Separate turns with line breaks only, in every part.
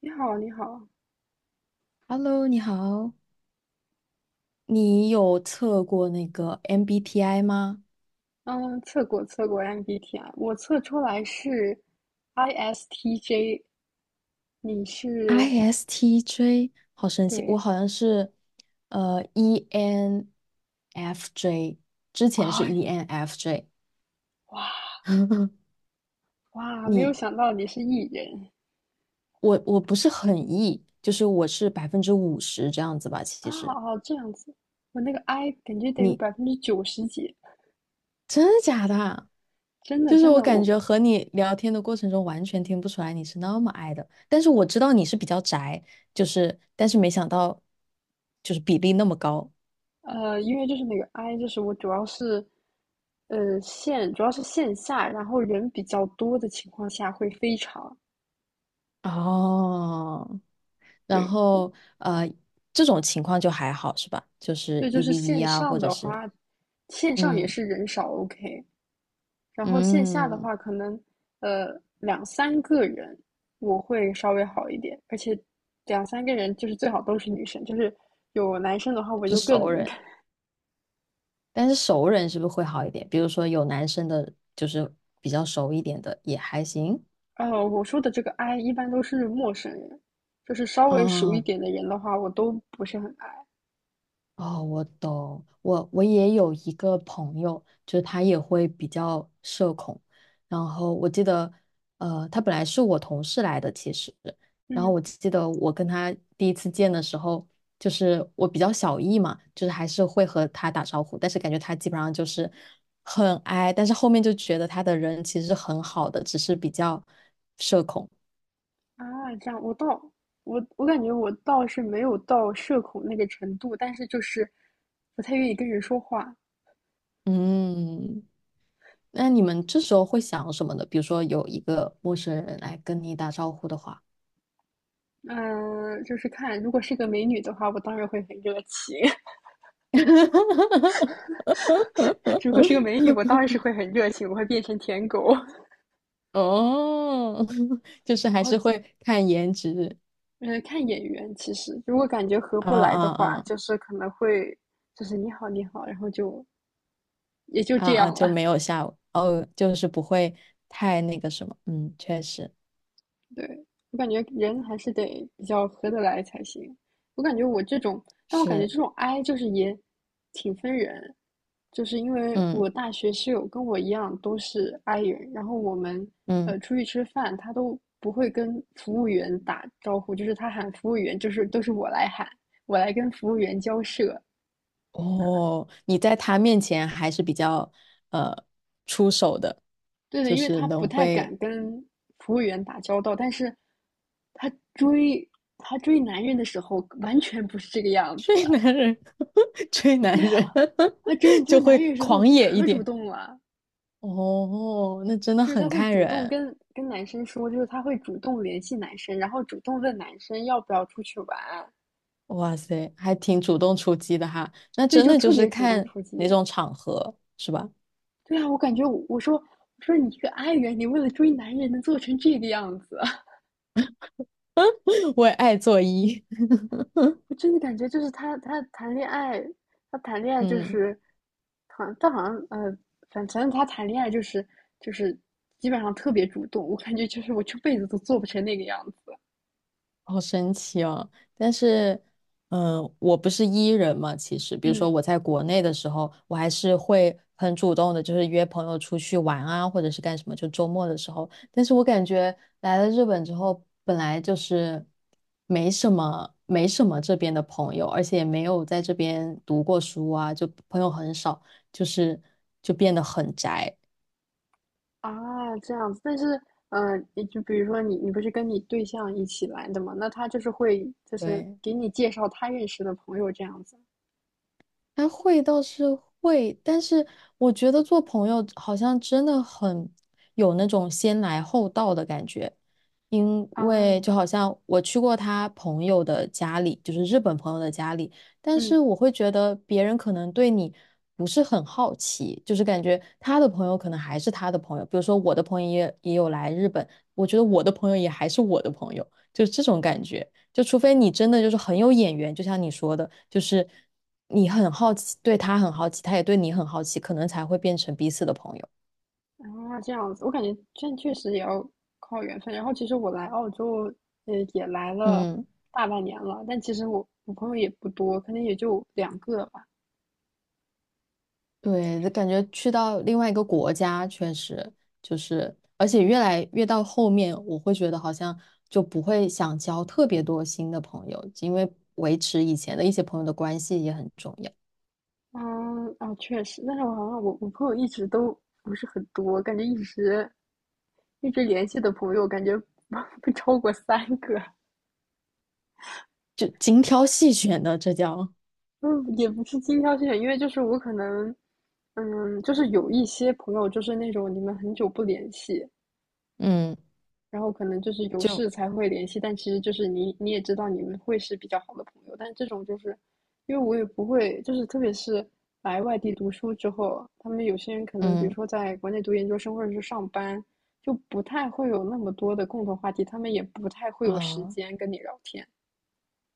你好，你好。
Hello，你好，你有测过那个 MBTI 吗
嗯，测过 MBTI，我测出来是 ISTJ。你是，
？ISTJ，好神奇，我
对。
好像是ENFJ，之前是
哎，
ENFJ，
哇 哇，没有
你
想到你是 E 人
我不是很 E，就是我是百分之五十这样子吧，
啊。
其实
哦，这样子。我那个 I 感觉得有
你
90%几，
真的假的啊？
真的
就是
真
我
的，
感
我
觉和你聊天的过程中，完全听不出来你是那么爱的，但是我知道你是比较宅，就是，但是没想到，就是比例那么高。
因为就是那个 I，就是我主要是主要是线下，然后人比较多的情况下会非常。
哦，然
对
后呃，这种情况就还好是吧？就是
对，就
一
是
v 一
线
啊，
上
或者
的
是
话，线上也
嗯
是人少，OK。然后线下的
嗯，
话，可能呃两三个人我会稍微好一点，而且两三个人就是最好都是女生，就是有男生的话我
是
就更。
熟人，但是熟人是不是会好一点？比如说有男生的，就是比较熟一点的也还行。
我说的这个 I 一般都是陌生人，就是稍微熟一
哦，
点的人的话，我都不是很爱。
哦，我懂。我也有一个朋友，就是他也会比较社恐。然后我记得，他本来是我同事来的，其实。然后
嗯。
我记得我跟他第一次见的时候，就是我比较小意嘛，就是还是会和他打招呼，但是感觉他基本上就是很 i，但是后面就觉得他的人其实很好的，只是比较社恐。
啊，这样我倒，我感觉我倒是没有到社恐那个程度，但是就是不太愿意跟人说话。
嗯。那你们这时候会想什么呢？比如说有一个陌生人来跟你打招呼的话，
嗯、就是看如果是个美女的话，我当然会很热情。如果是个美女，我当然是会很热情，我会变成舔狗。
哦，就是还
然后，
是会看颜值
呃，看眼缘，其实如果感觉合
啊
不来
啊
的话，
啊
就是可能会，就是你好你好，然后就也就
啊
这
啊，
样
就
了。
没有下哦，就是不会太那个什么，嗯，确实
对，我感觉人还是得比较合得来才行。我感觉我这种，但我感觉
是，
这种 I 就是也挺分人，就是因为
嗯
我大学室友跟我一样都是 I 人，然后我们
嗯，
出去吃饭，他都不会跟服务员打招呼，就是他喊服务员，就是都是我来喊，我来跟服务员交涉。
哦，你在他面前还是比较呃出手的，
对的，
就
因为
是
他不
能
太
会
敢跟服务员打交道，但是他追他追男人的时候完全不是这个样子。
追男人，追男
对啊，
人
他追你 这个
就
男人
会
的时候
狂野一
可主
点。
动了，
哦，那真的
就是他
很
会
看
主动
人，
跟男生说，就是他会主动联系男生，然后主动问男生要不要出去玩。
哇塞，还挺主动出击的哈。那
对，
真
就
的就
特
是
别主动
看
出击。
哪种场合，是吧？
对啊，我感觉我说你一个爱人，你为了追男人能做成这个样子。
我也爱做揖，
我真的感觉就是他谈恋爱，他谈恋 爱就
嗯。
是，好像他好像反正他谈恋爱就是，就是基本上特别主动，我感觉就是我这辈子都做不成那个样子。
好神奇哦！但是，嗯、我不是 E 人嘛，其实，比如
嗯。
说我在国内的时候，我还是会很主动的，就是约朋友出去玩啊，或者是干什么，就周末的时候。但是我感觉来了日本之后，本来就是没什么这边的朋友，而且也没有在这边读过书啊，就朋友很少，就是就变得很宅。
啊，这样子，但是，嗯，你就比如说你，你不是跟你对象一起来的嘛？那他就是会，就是
对，
给你介绍他认识的朋友这样子。
还会倒是会，但是我觉得做朋友好像真的很有那种先来后到的感觉，因
啊，
为就好像我去过他朋友的家里，就是日本朋友的家里，但是
嗯，
我会觉得别人可能对你不是很好奇，就是感觉他的朋友可能还是他的朋友，比如说我的朋友也有来日本，我觉得我的朋友也还是我的朋友，就是这种感觉。就除非你真的就是很有眼缘，就像你说的，就是你很好奇，对他很好奇，他也对你很好奇，可能才会变成彼此的朋友。
啊，这样子，我感觉这确实也要靠缘分。然后，其实我来澳洲，呃，也来了
嗯，
大半年了，但其实我朋友也不多，可能也就2个吧。
对，就感觉去到另外一个国家，确实就是，而且越来越到后面，我会觉得好像就不会想交特别多新的朋友，因为维持以前的一些朋友的关系也很重要，
嗯，啊，确实，但是我好像我朋友一直都不是很多，感觉一直联系的朋友，感觉 不超过3个。
就精挑细选的，这叫。
嗯，也不是精挑细选，因为就是我可能，嗯，就是有一些朋友就是那种你们很久不联系，
嗯
然后可能就是有事才会联系，但其实就是你也知道你们会是比较好的朋友，但这种就是因为我也不会，就是特别是来外地读书之后，他们有些人可能比如
嗯，
说在国内读研究生或者是上班，就不太会有那么多的共同话题，他们也不太会有时
啊。
间跟你聊天。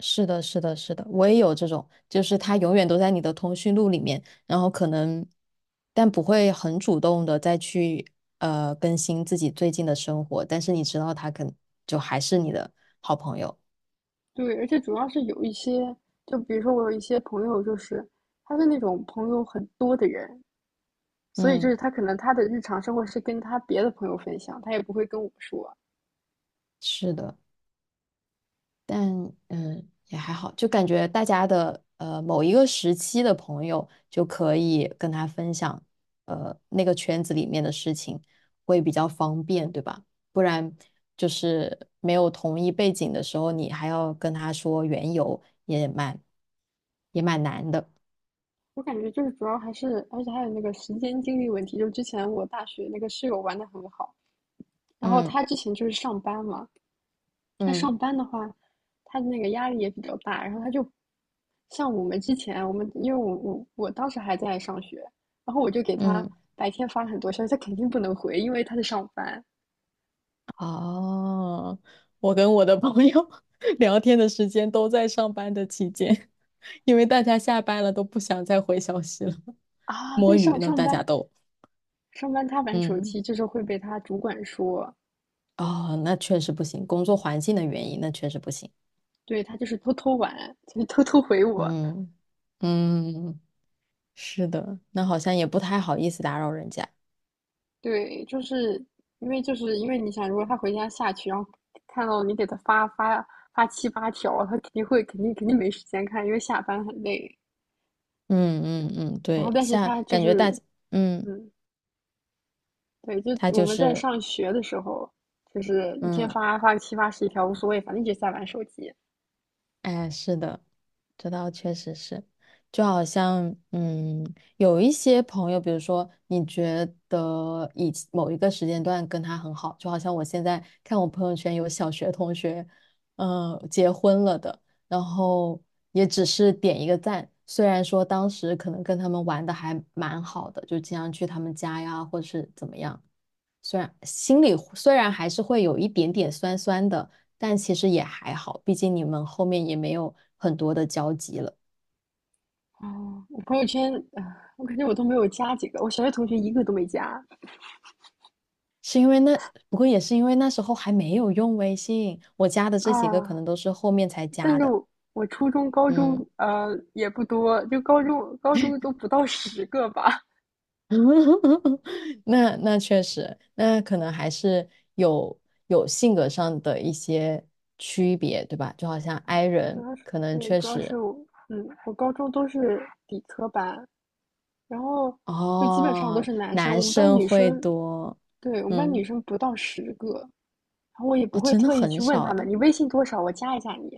是的，是的，是的，我也有这种，就是他永远都在你的通讯录里面，然后可能，但不会很主动的再去更新自己最近的生活，但是你知道他可能就还是你的好朋友。
对，而且主要是有一些，就比如说我有一些朋友，就是他是那种朋友很多的人，所以就
嗯，
是他可能他的日常生活是跟他别的朋友分享，他也不会跟我说。
是的。但嗯也还好，就感觉大家的某一个时期的朋友就可以跟他分享那个圈子里面的事情，会比较方便，对吧？不然就是没有同一背景的时候，你还要跟他说缘由，也蛮难的。
我感觉就是主要还是，而且还有那个时间精力问题。就之前我大学那个室友玩的很好，然后
嗯
他之前就是上班嘛。他上
嗯
班的话，他的那个压力也比较大，然后他就像我们之前，我们因为我当时还在上学，然后我就给他
嗯。
白天发了很多消息，他肯定不能回，因为他在上班
哦，我跟我的朋友 聊天的时间都在上班的期间，因为大家下班了都不想再回消息了，
啊。
摸
对，
鱼呢，大家都，
上班他玩手
嗯，
机，就是会被他主管说，
哦，那确实不行，工作环境的原因，那确实不行，
对他就是偷偷玩，就是偷偷回我。
嗯嗯，是的，那好像也不太好意思打扰人家，
对，就是因为你想，如果他回家下去，然后看到你给他发7、8条，他肯定会肯定肯定没时间看，因为下班很累。
嗯嗯嗯，
然后
对，
但是
像
他就
感觉大，
是，
嗯，
嗯，对，就
他
我
就
们在
是，
上学的时候，就是一天
嗯。
发个7、80+1条无所谓，反正一直在玩手机。
哎，是的，这倒确实是，就好像，嗯，有一些朋友，比如说你觉得以前某一个时间段跟他很好，就好像我现在看我朋友圈有小学同学，嗯、结婚了的，然后也只是点一个赞，虽然说当时可能跟他们玩的还蛮好的，就经常去他们家呀，或是怎么样。虽然心里虽然还是会有一点点酸酸的，但其实也还好，毕竟你们后面也没有很多的交集了。
哦，我朋友圈，啊我感觉我都没有加几个，我小学同学一个都没加
是因为那，不过也是因为那时候还没有用微信，我加的
啊。
这几个可能都是后面才
但
加
是
的。
我初中、高
嗯，
中，呃，也不多，就高中都不到十个吧。
那确实，那可能还是有有性格上的一些区别，对吧？就好像
哎
i
主
人
要是
可能
对，
确
主要是
实
我，嗯，我高中都是理科班，然后就基本上都
哦，
是男生，
男
我们班
生
女
会
生，
多，
对，我们班女
嗯。
生不到十个，然后我也不
哦，
会
真的
特意
很
去问
少
他们，
哎。
你微信多少，我加一下你。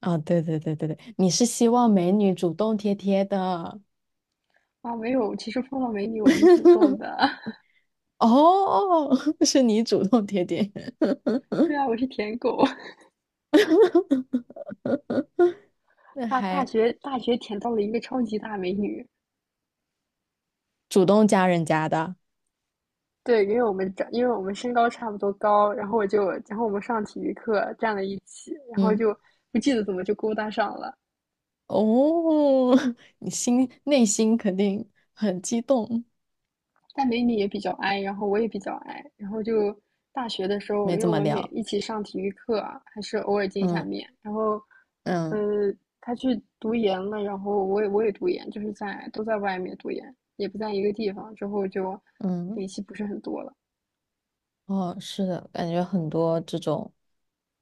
啊，对对对对对，你是希望美女主动贴贴的。
啊，没有，其实碰到美女我很主动 的。
哦，是你主动贴贴，
对啊，我是舔狗，
那
大大
还
学大学舔到了一个超级大美女。
主动加人家的。
对，因为我们长，因为我们身高差不多高，然后我就，然后我们上体育课站在一起，然后
嗯，
就不记得怎么就勾搭上了，
哦，你心内心肯定很激动，
但美女也比较 i，然后我也比较 i，然后就大学的时候，
没
因为
怎
我
么
们每
聊。
一起上体育课啊，还是偶尔见一下
嗯
面。然后，
嗯
呃，他去读研了，然后我也读研，就是在都在外面读研，也不在一个地方，之后就
嗯，
联系不是很多了。
哦，是的，感觉很多这种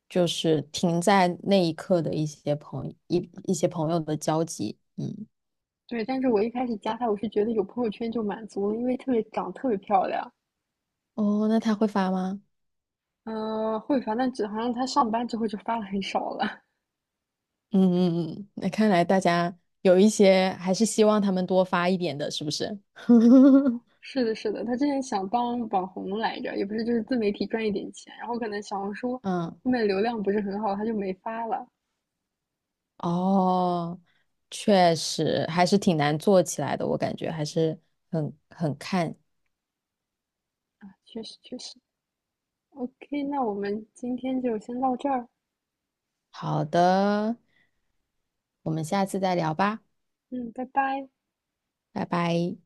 就是停在那一刻的一些朋友的交集。嗯，
对，但是我一开始加他，我是觉得有朋友圈就满足了，因为特别长得特别漂亮。
哦，那他会发吗？
呃，会，反正只好像他上班之后就发的很少了。
嗯嗯嗯，那看来大家有一些还是希望他们多发一点的，是不是？
是的，是的，他之前想当网红来着，也不是就是自媒体赚一点钱，然后可能小红书
嗯，
后面流量不是很好，他就没发了。
哦，确实还是挺难做起来的，我感觉还是很很看。
确实，确实。OK，那我们今天就先到这儿。
好的，我们下次再聊吧，
嗯，拜拜。
拜拜。